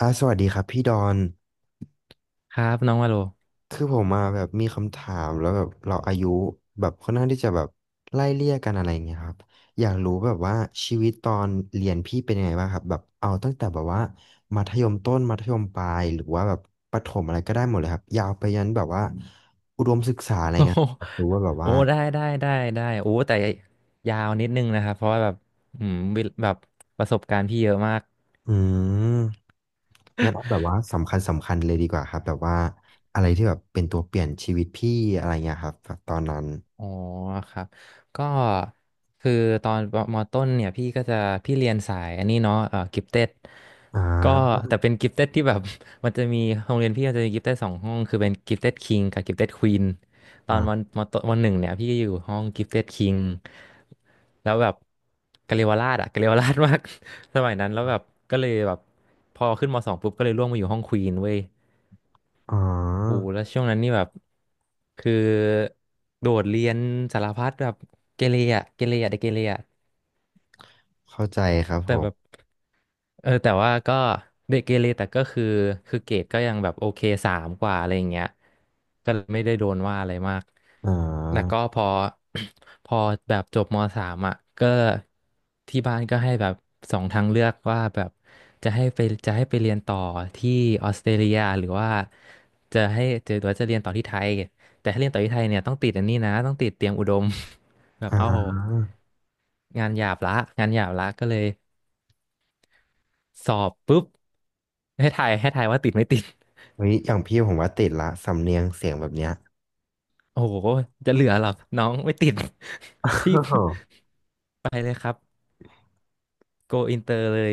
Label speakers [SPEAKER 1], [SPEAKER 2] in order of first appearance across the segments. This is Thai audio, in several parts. [SPEAKER 1] สวัสดีครับพี่ดอน
[SPEAKER 2] ครับน้องว่าโล
[SPEAKER 1] คือผมมาแบบมีคำถามแล้วแบบเราอายุแบบค่อนข้างที่จะแบบไล่เลี่ยกันอะไรอย่างเงี้ยครับอยากรู้แบบว่าชีวิตตอนเรียนพี่เป็นยังไงบ้างครับแบบเอาตั้งแต่แบบว่ามัธยมต้นมัธยมปลายหรือว่าแบบประถมอะไรก็ได้หมดเลยครับยาวไปยันแบบว่าอุดมศึกษาอะไร
[SPEAKER 2] โอ้
[SPEAKER 1] เงี้ย
[SPEAKER 2] โห
[SPEAKER 1] อยากรู้ว่าแบบ
[SPEAKER 2] โอ้
[SPEAKER 1] ว่า
[SPEAKER 2] ได้ได้ได้ได้ โอ้แต่ยาวนิดนึงนะครับ เพราะว่าแบบวิแบบประสบการณ์พี่เยอะมาก
[SPEAKER 1] อืมงั้นเอาแบบว่าสำคัญสำคัญเลยดีกว่าครับแบบว่าอะไรที่แบบเป็นตัวเปลี่ยนชีวิตพี่อะไรเงี้ยครับแบบตอนนั้น
[SPEAKER 2] อ๋อครับก็คือตอนมต้นเนี่ยพี่ก็จะพี่เรียนสายอันนี้เนาะกิฟเต็ด
[SPEAKER 1] อ่
[SPEAKER 2] ก็
[SPEAKER 1] า
[SPEAKER 2] แต่เป็นกิฟเต็ดที่แบบ มันจะมีโรงเรียนพี่มันจะมีกิฟเต็ดสองห้องคือเป็นกิฟเต็ดคิงกับกิฟเต็ดควีนตอนวัน
[SPEAKER 1] อ่า
[SPEAKER 2] มต้นวันหนึ่งเนี่ยพี่อยู่ห้องกิฟเต็ดคิงแล้วแบบกะเรียวราชอะกะเรียวราชมาก สมัยนั้นแล้วแบบก็เลยแบบพอขึ้นมสองปุ๊บก็เลยร่วงมาอยู่ห้องควีนเว้ย
[SPEAKER 1] อ๋อ
[SPEAKER 2] โอ้แล้วช่วงนั้นนี่แบบคือโดดเรียนสารพัดแบบเกเรอะเกเรอะเด็กเกเรอะ
[SPEAKER 1] เข้าใจครับผ
[SPEAKER 2] แต่แบ
[SPEAKER 1] ม
[SPEAKER 2] บเออแต่ว่าก็เด็กเกเรแต่ก็คือเกรดก็ยังแบบโอเคสามกว่าอะไรอย่างเงี้ยก็เลยไม่ได้โดนว่าอะไรมาก
[SPEAKER 1] อ๋อ
[SPEAKER 2] แล้วก็พอ พอแบบจบมสามอ่ะก็ที่บ้านก็ให้แบบสองทางเลือกว่าแบบจะให้ไปจะให้ไปเรียนต่อที่ออสเตรเลียหรือว่าจะให้จะหรือว่าจะเรียนต่อที่ไทยแต่ถ้าเรียนต่อที่ไทยเนี่ยต้องติดอันนี้นะต้องติดเตรียมอุดม แบบ
[SPEAKER 1] อ๋
[SPEAKER 2] เอ้า
[SPEAKER 1] อ
[SPEAKER 2] งานหยาบละงานหยาบละก็เลยสอบปุ๊บให้ทายว่าติดไม่ติด
[SPEAKER 1] เฮ้ยอย่างพี่ผมว่าติดละสำเนียงเสียงแบบเนี้ย
[SPEAKER 2] โอ้โหจะเหลือหรอน้องไม่ติด
[SPEAKER 1] อ้า
[SPEAKER 2] พี่
[SPEAKER 1] ว
[SPEAKER 2] ไปเลยครับโกอินเตอร์เลย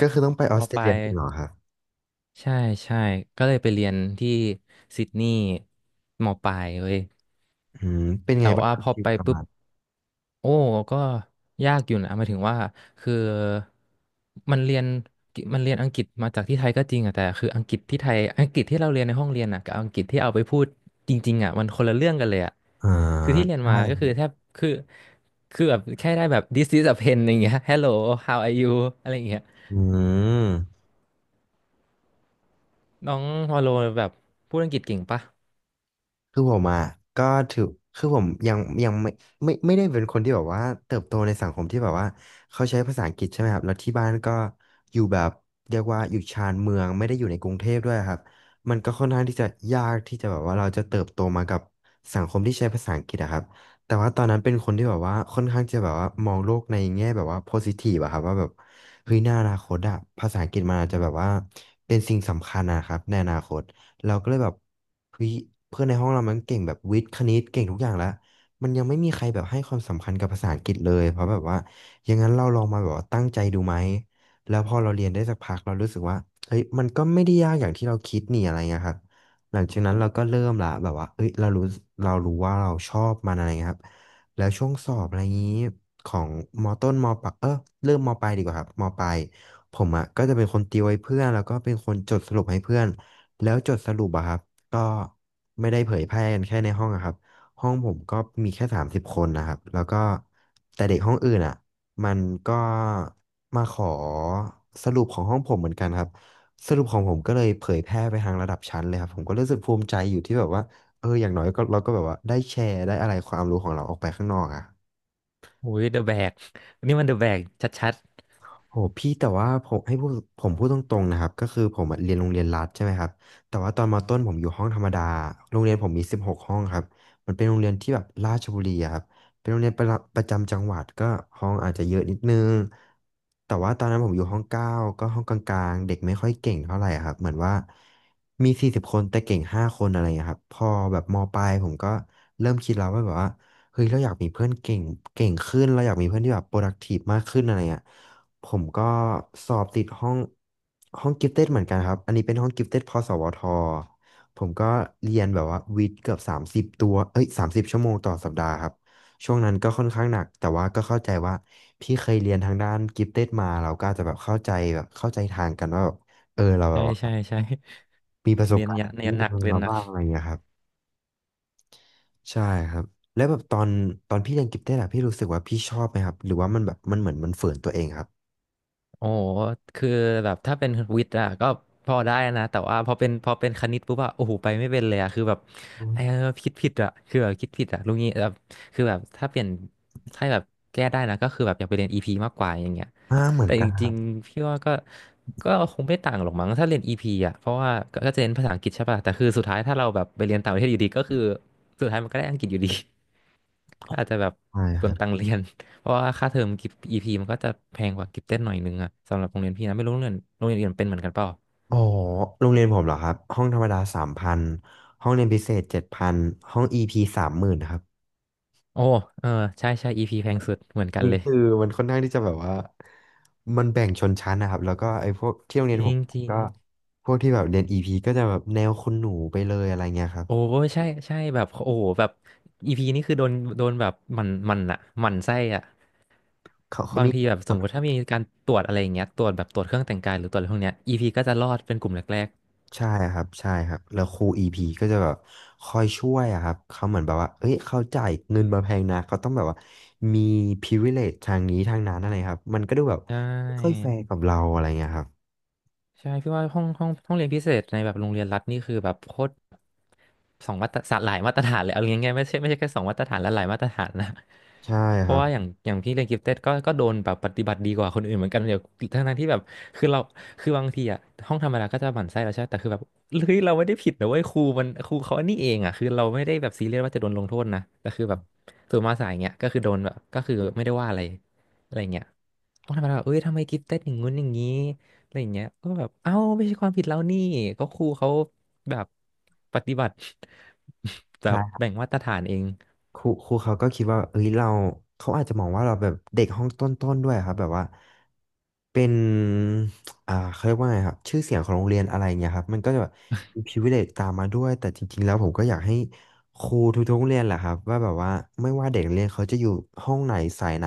[SPEAKER 1] ก็คือต้องไปออ
[SPEAKER 2] ม
[SPEAKER 1] สเตร
[SPEAKER 2] ปลา
[SPEAKER 1] เลีย
[SPEAKER 2] ย
[SPEAKER 1] จริงเหรอครับ
[SPEAKER 2] ใช่ใช่ก็เลยไปเรียนที่ซิดนีย์มปลายเว้ย
[SPEAKER 1] อืมเป็นไง
[SPEAKER 2] แต่
[SPEAKER 1] บ้าง
[SPEAKER 2] ว่า
[SPEAKER 1] ครับ
[SPEAKER 2] พอ
[SPEAKER 1] ชีวิ
[SPEAKER 2] ไป
[SPEAKER 1] ตประ
[SPEAKER 2] ปุ๊
[SPEAKER 1] มา
[SPEAKER 2] บ
[SPEAKER 1] ณ
[SPEAKER 2] โอ้ก็ยากอยู่นะหมายถึงว่าคือมันเรียนมันเรียนอังกฤษมาจากที่ไทยก็จริงอะแต่คืออังกฤษที่ไทยอังกฤษที่เราเรียนในห้องเรียนอะกับอังกฤษที่เอาไปพูดจริงๆอะมันคนละเรื่องกันเลยอะ
[SPEAKER 1] อ่า
[SPEAKER 2] คือที่เรียน
[SPEAKER 1] ใช่
[SPEAKER 2] มาก็คือแทบคือคือแบบแค่ได้แบบ this is a pen อย่างเงี้ย hello how are you อะไรอย่างเงี้ย
[SPEAKER 1] อืม
[SPEAKER 2] น้องวาโลแบบพูดอังกฤษเก่งปะ
[SPEAKER 1] คือผมอ่ะก็ถือคือผมยังไม่ไม่ได้เป็นคนที่แบบว่าเติบโตในสังคมที่แบบว่าเขาใช้ภาษาอังกฤษใช่ไหมครับแล้วที่บ้านก็อยู่แบบเรียกว่าอยู่ชานเมืองไม่ได้อยู่ในกรุงเทพด้วยครับมันก็ค่อนข้างที่จะยากที่จะแบบว่าเราจะเติบโตมากับสังคมที่ใช้ภาษาอังกฤษอะครับแต่ว่าตอนนั้นเป็นคนที่แบบว่าค่อนข้างจะแบบว่ามองโลกในแง่แบบว่าโพซิทีฟอะครับว่าแบบเฮ้ยในอนาคตอะภาษาอังกฤษมันอาจจะแบบว่าเป็นสิ่งสำคัญนะครับในอนาคต เราก็เลยแบบเฮ้ยเพื่อนในห้องเรามันเก่งแบบวิทย์คณิตเก่งทุกอย่างแล้วมันยังไม่มีใครแบบให้ความสำคัญกับภาษาอังกฤษเลยเพราะแบบว่าอย่างนั้นเราลองมาแบบว่าตั้งใจดูไหมแล้วพอเราเรียนได้สักพักเรารู้สึกว่าเฮ้ยมันก็ไม่ได้ยากอย่างที่เราคิดนี่อะไรเงี้ยครับหลังจากนั้นเราก็เริ่มละแบบว่าเอ้ยเรารู้เรารู้ว่าเราชอบมันอะไรเงี้ยครับแล้วช่วงสอบอะไรงี้ของมต้นมปลายเริ่มมปลายดีกว่าครับมปลายผมอ่ะก็จะเป็นคนติวให้เพื่อนแล้วก็เป็นคนจดสรุปให้เพื่อน แล้วจดสรุปอะครับก็ไม่ได้เผยแพร่กันแค่ในห้องอะครับห้องผมก็มีแค่30 คนนะครับแล้วก็แต่เด็กห้องอื่นอะมันก็มาขอสรุปของห้องผมเหมือนกันครับสรุปของผมก็เลยเผยแพร่ไปทางระดับชั้นเลยครับผมก็รู้สึกภูมิใจอยู่ที่แบบว่าเอออย่างน้อยก็เราก็แบบว่าได้แชร์ได้อะไรความรู้ของเราออกไปข้างนอกอะ
[SPEAKER 2] อุ้ยเดอะแบกนี่มันเดอะแบกชัด
[SPEAKER 1] โหพี่แต่ว่าผมให้พูดผมพูดตรงๆนะครับก็คือผมอะเรียนโรงเรียนรัฐใช่ไหมครับแต่ว่าตอนมต้นผมอยู่ห้องธรรมดาโรงเรียนผมมี16 ห้องครับมันเป็นโรงเรียนที่แบบราชบุรีอะครับเป็นโรงเรียนประจำจังหวัดก็ห้องอาจจะเยอะนิดนึงแต่ว่าตอนนั้นผมอยู่ห้องเก้าก็ห้องกลางๆเด็กไม่ค่อยเก่งเท่าไหร่อะครับเหมือนว่ามี40 คนแต่เก่ง5 คนอะไรอย่างเงี้ยครับพอแบบมปลายผมก็เริ่มคิดแล้วว่าแบบว่าเฮ้ยเราอยากมีเพื่อนเก่งเก่งขึ้นเราอยากมีเพื่อนที่แบบ productive มากขึ้นอะไรอย่างเงี้ย ผมก็สอบติดห้องกิฟเต็ดเหมือนกันครับอันนี้เป็นห้องกิฟเต็ดพสวทผมก็เรียนแบบว่าวิทย์เกือบ30 ตัวเอ้ย30 ชั่วโมงต่อสัปดาห์ครับช่วงนั้นก็ค่อนข้างหนักแต่ว่าก็เข้าใจว่าพี่เคยเรียนทางด้านกิฟเต็ดมาเราก็อาจจะแบบเข้าใจแบบเข้าใจทางกันว่าแบบเออเรา
[SPEAKER 2] ๆ
[SPEAKER 1] แบ
[SPEAKER 2] ใช่
[SPEAKER 1] บว่า
[SPEAKER 2] ใช่ใช่
[SPEAKER 1] มีประส
[SPEAKER 2] เรี
[SPEAKER 1] บ
[SPEAKER 2] ยน
[SPEAKER 1] การ
[SPEAKER 2] ยะ
[SPEAKER 1] ณ์
[SPEAKER 2] เรี
[SPEAKER 1] มี
[SPEAKER 2] ยนหนัก
[SPEAKER 1] เรื่อง
[SPEAKER 2] เรียน
[SPEAKER 1] มา
[SPEAKER 2] หนัก
[SPEAKER 1] บ้างอะไรอย่างเงี้ยครับใช่ครับแล้วแบบตอนพี่เรียนกิฟเต็ดอะพี่รู้สึกว่าพี่ชอบไหมครับหรือว่ามันแบบมันเหมือนมันฝืนตัวเองครับ
[SPEAKER 2] โอ้โหคือแบบถ้าเป็นวิทย์อะก็พอได้นะแต่ว่าพอเป็นคณิตปุ๊บอะโอ้โหไปไม่เป็นเลยอะคือแบบ
[SPEAKER 1] อ
[SPEAKER 2] เออ
[SPEAKER 1] ม
[SPEAKER 2] คิดผิดอะคือแบบคิดผิดอะรู้งี้แบบคือแบบถ้าเปลี่ยนถ้าแบบแก้ได้นะก็คือแบบอยากไปเรียนอีพีมากกว่าอย่างเงี้ย
[SPEAKER 1] อ่าเหมือน
[SPEAKER 2] แต่
[SPEAKER 1] กั
[SPEAKER 2] จริ
[SPEAKER 1] น
[SPEAKER 2] งๆพี่ว่าก็คงไม่ต่างหรอกมั้งถ้าเรียน EP อ่ะเพราะว่าก็จะเรียนภาษาอังกฤษใช่ป่ะแต่คือสุดท้ายถ้าเราแบบไปเรียนต่างประเทศอยู่ดีก็คือสุดท้ายมันก็ได้อังกฤษอยู่ดี ก็อาจจะแบบ
[SPEAKER 1] ใช่
[SPEAKER 2] เป
[SPEAKER 1] ค
[SPEAKER 2] ลือ
[SPEAKER 1] รั
[SPEAKER 2] งตัง
[SPEAKER 1] บ
[SPEAKER 2] ค์เรียน เพราะว่าค่าเทอมกิฟต์ EP มันก็จะแพงกว่ากิฟเต็ดหน่อยนึงอะสำหรับโรงเรียนพี่นะไม่รู้โรงเรียนอื่นเป็นเหมือนกันเปล่า
[SPEAKER 1] อ๋อโรงเรียนผมเหรอครับห้องธรรมดา3,000ห้องเรียนพิเศษ7,000ห้องอีพี30,000ครับ
[SPEAKER 2] โอ้เออใช่ใช่ EP แพงสุดเหมือนกัน
[SPEAKER 1] นี่
[SPEAKER 2] เลย
[SPEAKER 1] คือมันค่อนข้างที่จะแบบว่ามันแบ่งชนชั้นนะครับแล้วก็ไอ้พวกที่โรงเรี
[SPEAKER 2] จ
[SPEAKER 1] ยนผ
[SPEAKER 2] ริ
[SPEAKER 1] ม
[SPEAKER 2] งจริง
[SPEAKER 1] ก็พวกที่แบบเรียนอีพีก็จะแบบแนวคุณหนูไปเลยอะไรเงี้ยครับ
[SPEAKER 2] โอ้ใช่ใช่แบบโอ้โหแบบ EP นี่คือโดนแบบหมันอะหมันไส้อะ
[SPEAKER 1] เขา
[SPEAKER 2] บาง
[SPEAKER 1] มี
[SPEAKER 2] ทีแบบสมมติถ้ามีการตรวจอะไรอย่างเงี้ยตรวจแบบตรวจเครื่องแต่งกายหรือตรวจอะไรพวกเนี้ย EP ก็จะรอดเป็นกลุ่มแรก
[SPEAKER 1] ใช่ครับใช่ครับแล้วครูอีพีก็จะแบบคอยช่วยอะครับเขาเหมือนแบบว่าเอ้ยเขาจ่ายเงินมาแพงนะเขาต้องแบบว่ามี privilege ทางนี้ทางนั้นอะไรครับมันก็ดูแบบ
[SPEAKER 2] ๆใช่
[SPEAKER 1] ไม่ค่อยแฟร์กับเราอะไรเงี้ยครับ
[SPEAKER 2] ใช่พี่ว่าห้องเรียนพิเศษในแบบโรงเรียนรัฐนี่คือแบบโคตรสองมาตรฐานหลายมาตรฐานเลยเอาง่ายๆไม่ใช่แค่สองมาตรฐานและหลายมาตรฐานนะ
[SPEAKER 1] ใช่
[SPEAKER 2] เพ
[SPEAKER 1] ค
[SPEAKER 2] ราะ
[SPEAKER 1] รับ
[SPEAKER 2] ว่าอย่างพี่เรียนกิฟเต็ดก็โดนแบบปฏิบัติดีกว่าคนอื่นเหมือนกันเดี๋ยวทั้งๆที่แบบคือเราคือบางทีอะห้องธรรมดาก็จะหมั่นไส้เราใช่ไหมแต่คือแบบเฮ้ยเราไม่ได้ผิดนะเว้ยครูมันครูเขาอันนี้เองอะคือเราไม่ได้แบบซีเรียสว่าจะโดนลงโทษนะแต่คือแบบส่วนมาสายเงี้ยก็คือโดนแบบก็คือไม่ได้ว่าอะไรอะไรเงี้ยห้องธรรมดาแบบเอ้ยทำไมกิฟเต็ดอย่างงู้นอย่างงี้ อะไรอย่างเงี้ยก็แบบเอ้าไม่ใช่ความผิดเรานี่ก็ครูเขาแบบปฏิบัติ แบ
[SPEAKER 1] ใช่
[SPEAKER 2] บ
[SPEAKER 1] ครับ
[SPEAKER 2] แบ่งมาตรฐานเอง
[SPEAKER 1] ครูครูเขาก็คิดว่าเอ้ยเราเขาอาจจะมองว่าเราแบบเด็กห้องต้นๆด้วยครับแบบว่าเป็นเขาเรียกว่าไงครับชื่อเสียงของโรงเรียนอะไรเงี้ยครับมันก็จะแบบมี privilege ตามมาด้วยแต่จริงๆแล้วผมก็อยากให้ครูทุกๆโรงเรียนแหละครับว่าแบบว่าไม่ว่าเด็กนักเรียนเขาจะอยู่ห้องไหนสายไหน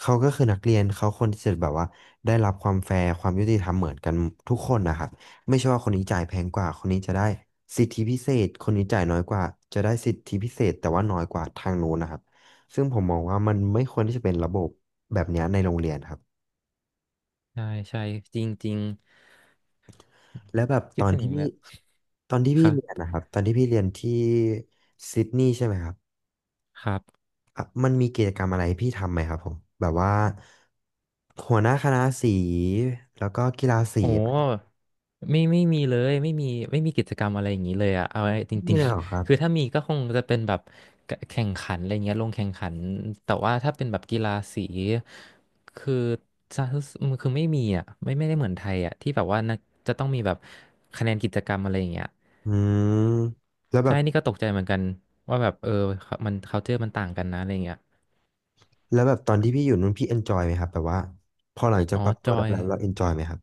[SPEAKER 1] เขาก็คือนักเรียนเขาควรที่จะแบบว่าได้รับความแฟร์ความยุติธรรมเหมือนกันทุกคนนะครับ ไม่ใช่ว่าคนนี้จ่ายแพงกว่าคนนี้จะได้สิทธิพิเศษคนนี้จ่ายน้อยกว่าจะได้สิทธิพิเศษแต่ว่าน้อยกว่าทางนู้นนะครับซึ่งผมมองว่ามันไม่ควรที่จะเป็นระบบแบบเนี้ยในโรงเรียนครับ
[SPEAKER 2] ใช่ใช่จริงจริง
[SPEAKER 1] และแบบ
[SPEAKER 2] คิดถึงแล้ว
[SPEAKER 1] ตอนที่
[SPEAKER 2] ค
[SPEAKER 1] พี่
[SPEAKER 2] รั
[SPEAKER 1] เรียน
[SPEAKER 2] บ
[SPEAKER 1] นะครับตอนที่พี่เรียนที่ซิดนีย์ใช่ไหมครับ
[SPEAKER 2] ครับ
[SPEAKER 1] อ่ะมันมีกิจกรรมอะไรให้พี่ทำไหมครับผมแบบว่าหัวหน้าคณะสีแล้วก็กีฬาสี
[SPEAKER 2] โอ้ไม่มีเลยไม่มีกิจกรรมอะไรอย่างนี้เลยอะเอาไว้จ
[SPEAKER 1] ไม่
[SPEAKER 2] ริง
[SPEAKER 1] เลยเหรอ
[SPEAKER 2] ๆ
[SPEAKER 1] ครับ
[SPEAKER 2] คือถ้ามีก็คงจะเป็นแบบแข่งขันอะไรเงี้ยลงแข่งขันแต่ว่าถ้าเป็นแบบกีฬาสีคือจะคือไม่มีอะไม่ได้เหมือนไทยอะที่แบบว่านักจะต้องมีแบบคะแนนกิจกรรมอะไรอย่างเงี้ย
[SPEAKER 1] อืมแล้วแบ
[SPEAKER 2] ใช่
[SPEAKER 1] บ
[SPEAKER 2] นี่ก็ตกใจเหมือนกันว่าแบบเออามัน culture มันต่างกันนะอะไรเงี้ย
[SPEAKER 1] แล้วแบบตอนที่พี่อยู่นู้นพี่เอนจอยไหมครับแบบว่าพอหลังจาก
[SPEAKER 2] อ๋อ
[SPEAKER 1] ปรับตั
[SPEAKER 2] จ
[SPEAKER 1] ว
[SPEAKER 2] อ
[SPEAKER 1] ได้
[SPEAKER 2] ย
[SPEAKER 1] แล้วเราเอนจอยไหมครับ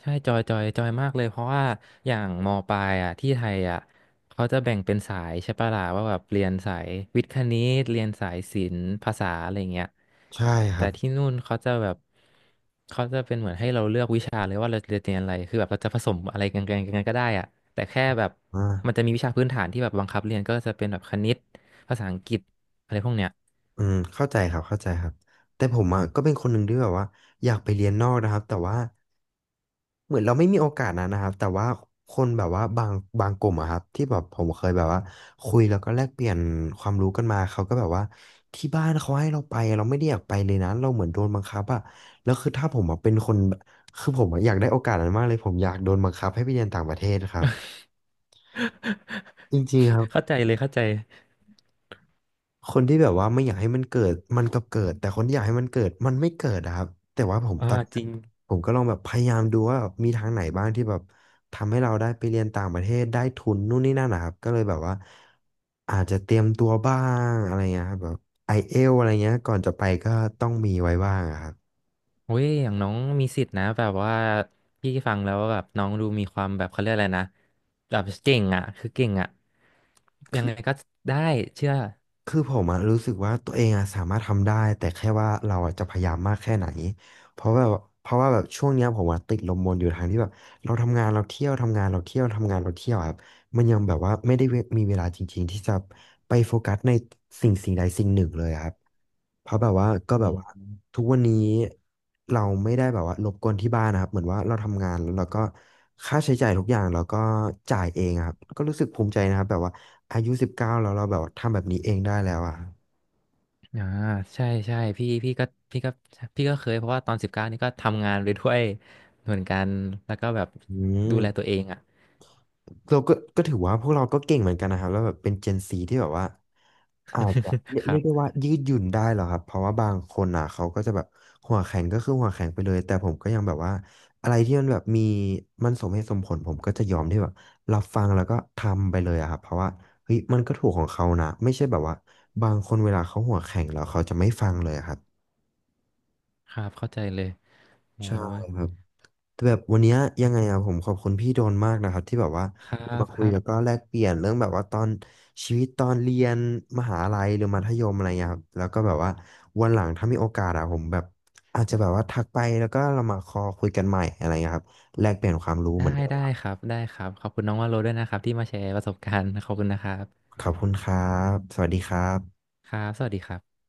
[SPEAKER 2] ใช่จอยมากเลย เพราะว่าอย่างมปลายอ่ะที่ไทยอ่ะเขาจะแบ่งเป็นสายใช่ปะล่ะว่าแบบเรียนสายวิทย์คณิตเรียนสายศิลป์ภาษาอะไรเงี้ย
[SPEAKER 1] ใช่ค
[SPEAKER 2] แต่
[SPEAKER 1] รับ
[SPEAKER 2] ที่นู่นเขาจะแบบเขาจะเป็นเหมือนให้เราเลือกวิชาเลยว่าเราจะเรียนอะไรคือแบบเราจะผสมอะไรกันก็ได้อ่ะแต่แค่แบบมัน
[SPEAKER 1] อ่า
[SPEAKER 2] จะมีวิชาพื้นฐานที่แบบบังคับเรียนก็จะเป็นแบบคณิตภาษาอังกฤษอะไรพวกเนี้ย
[SPEAKER 1] เข้าใจครับเข้าใจครับแต่ผมอ่ะก็เป็นคนหนึ่งที่แบบว่าอยากไปเรียนนอกนะครับแต่ว่าเหมือนเราไม่มีโอกาสนะนะครับแต่ว่าคนแบบว่าบางกลุ่มอะครับที่แบบผมเคยแบบว่าคุยแล้วก็แลกเปลี่ยนความรู้กันมาเขาก็แบบว่าที่บ้านเขาให้เราไปเราไม่ได้อยากไปเลยนะเราเหมือนโดนบังคับอะแล้วคือถ้าผมอะเป็นคนคือผมอะอยากได้โอกาสนั้นมากเลยผมอยากโดนบังคับให้ไปเรียนต่างประเทศครับ จริงๆครับ
[SPEAKER 2] เข้าใจเลยเข้าใจ
[SPEAKER 1] คนที่แบบว่าไม่อยากให้มันเกิดมันก็เกิดแต่คนที่อยากให้มันเกิดมันไม่เกิดอะครับแต่ว่าผม
[SPEAKER 2] อ่า
[SPEAKER 1] ตอน
[SPEAKER 2] จริง
[SPEAKER 1] ผมก็ลองแบบพยายามดูว่าแบบมีทางไหนบ้างที่แบบทำให้เราได้ไปเรียนต่างประเทศได้ทุนนู่นนี่นั่นนะครับก็เลยแบบว่าอาจจะเตรียมตัวบ้างอะไรเงี้ยครับแบบไอเอลอะไรเงี้ยก่อนจะไปก็ต้องมีไว้บ้างอะครับ
[SPEAKER 2] เว้ยอย่างน้องมีสิทธิ์นะแบบว่าพี่ฟังแล้วแบบน้องดูมีความแบบเขาเรียกอะไรนะแบบเก่งอ่ะคือเก่งอ่ะยังไงก็ได้เชื่อ
[SPEAKER 1] คือผมอะรู้สึกว่าตัวเองอะสามารถทำได้แต่แค่ว่าเราอะจะพยายามมากแค่ไหนเพราะแบบเพราะว่าแบบช่วงเนี้ยผมอะติดลมบนอยู่ทางที่แบบเราทำงานเราเที่ยวทำงานเราเที่ยวทำงานเราเที่ยวอะครับมันยังแบบว่าไม่ได้มีเวลาจริงๆที่จะไปโฟกัสในสิ่งสิ่งใดสิ่งหนึ่งเลยอะครับเพราะแบบว่าก็
[SPEAKER 2] อื
[SPEAKER 1] แบบ
[SPEAKER 2] ม
[SPEAKER 1] ว่าทุกวันนี้เราไม่ได้แบบว่ารบกวนที่บ้านนะครับเหมือนว่าเราทำงานแล้วเราก็ค่าใช้จ่ายทุกอย่างเราก็จ่ายเองอะครับก็รู้สึกภูมิใจนะครับแบบว่า อายุ19แล้วเราแบบทำแบบนี้เองได้แล้วอ่ะ
[SPEAKER 2] อ่าใช่ใช่พี่ก็พี่ก็เคยเพราะว่าตอน19นี่ก็ทำงานไปด้วยเหมือนกันแล้วก็แบบ
[SPEAKER 1] อื
[SPEAKER 2] ดู
[SPEAKER 1] ม
[SPEAKER 2] แลตัวเองอ่ะ
[SPEAKER 1] เราก็ก็ถือว่าพวกเราก็เก่งเหมือนกันนะครับแล้วแบบเป็นเจนซีที่แบบว่าอาจจะ
[SPEAKER 2] ค
[SPEAKER 1] เรี
[SPEAKER 2] รั
[SPEAKER 1] ยกได้
[SPEAKER 2] บ
[SPEAKER 1] ว่ายืดหยุ่นได้เหรอครับเพราะว่าบางคนอ่ะเขาก็จะแบบหัวแข็งก็คือหัวแข็งไปเลยแต่ผมก็ยังแบบว่าอะไรที่มันแบบมันสมเหตุสมผลผมก็จะยอมที่แบบรับฟังแล้วก็ทำไปเลยอะครับเพราะว่าเฮ้ยมันก็ถูกของเขานะไม่ใช่แบบว่าบางคนเวลาเขาหัวแข็งแล้วเขาจะไม่ฟังเลยอะครับ
[SPEAKER 2] ครับเข้าใจเลยโอ้
[SPEAKER 1] ใช่
[SPEAKER 2] ย
[SPEAKER 1] ครับ แต่แบบวันเนี้ยยังไงอะผมขอบคุณพี่โดนมากนะครับที่แบบว่า
[SPEAKER 2] ครั
[SPEAKER 1] เรา
[SPEAKER 2] บ
[SPEAKER 1] มา
[SPEAKER 2] ค
[SPEAKER 1] คุย
[SPEAKER 2] รับ
[SPEAKER 1] แล้วก็แลกเปลี่ยนเรื่องแบบว่าตอนชีวิตตอนเรียนมหาลัยหรือมัธยมอะไรเงี้ยครับแล้วก็แบบว่าวันหลังถ้ามีโอกาสอะผมแบบอาจจะแบบว่าทักไปแล้วก็เรามาคุยกันใหม่อะไรเงี้ยครับแลกเปลี่ยนความรู้
[SPEAKER 2] ได้
[SPEAKER 1] เหมือนเดิม
[SPEAKER 2] ได้
[SPEAKER 1] ครับ
[SPEAKER 2] ครับได้ครับขอบคุณน้องวาโลด้วยนะครับที่มาแชร์ประสบการณ์ขอบคุณนะครับ
[SPEAKER 1] ขอบคุณครับสวัสดีครับ
[SPEAKER 2] ครับสวัสดีครับ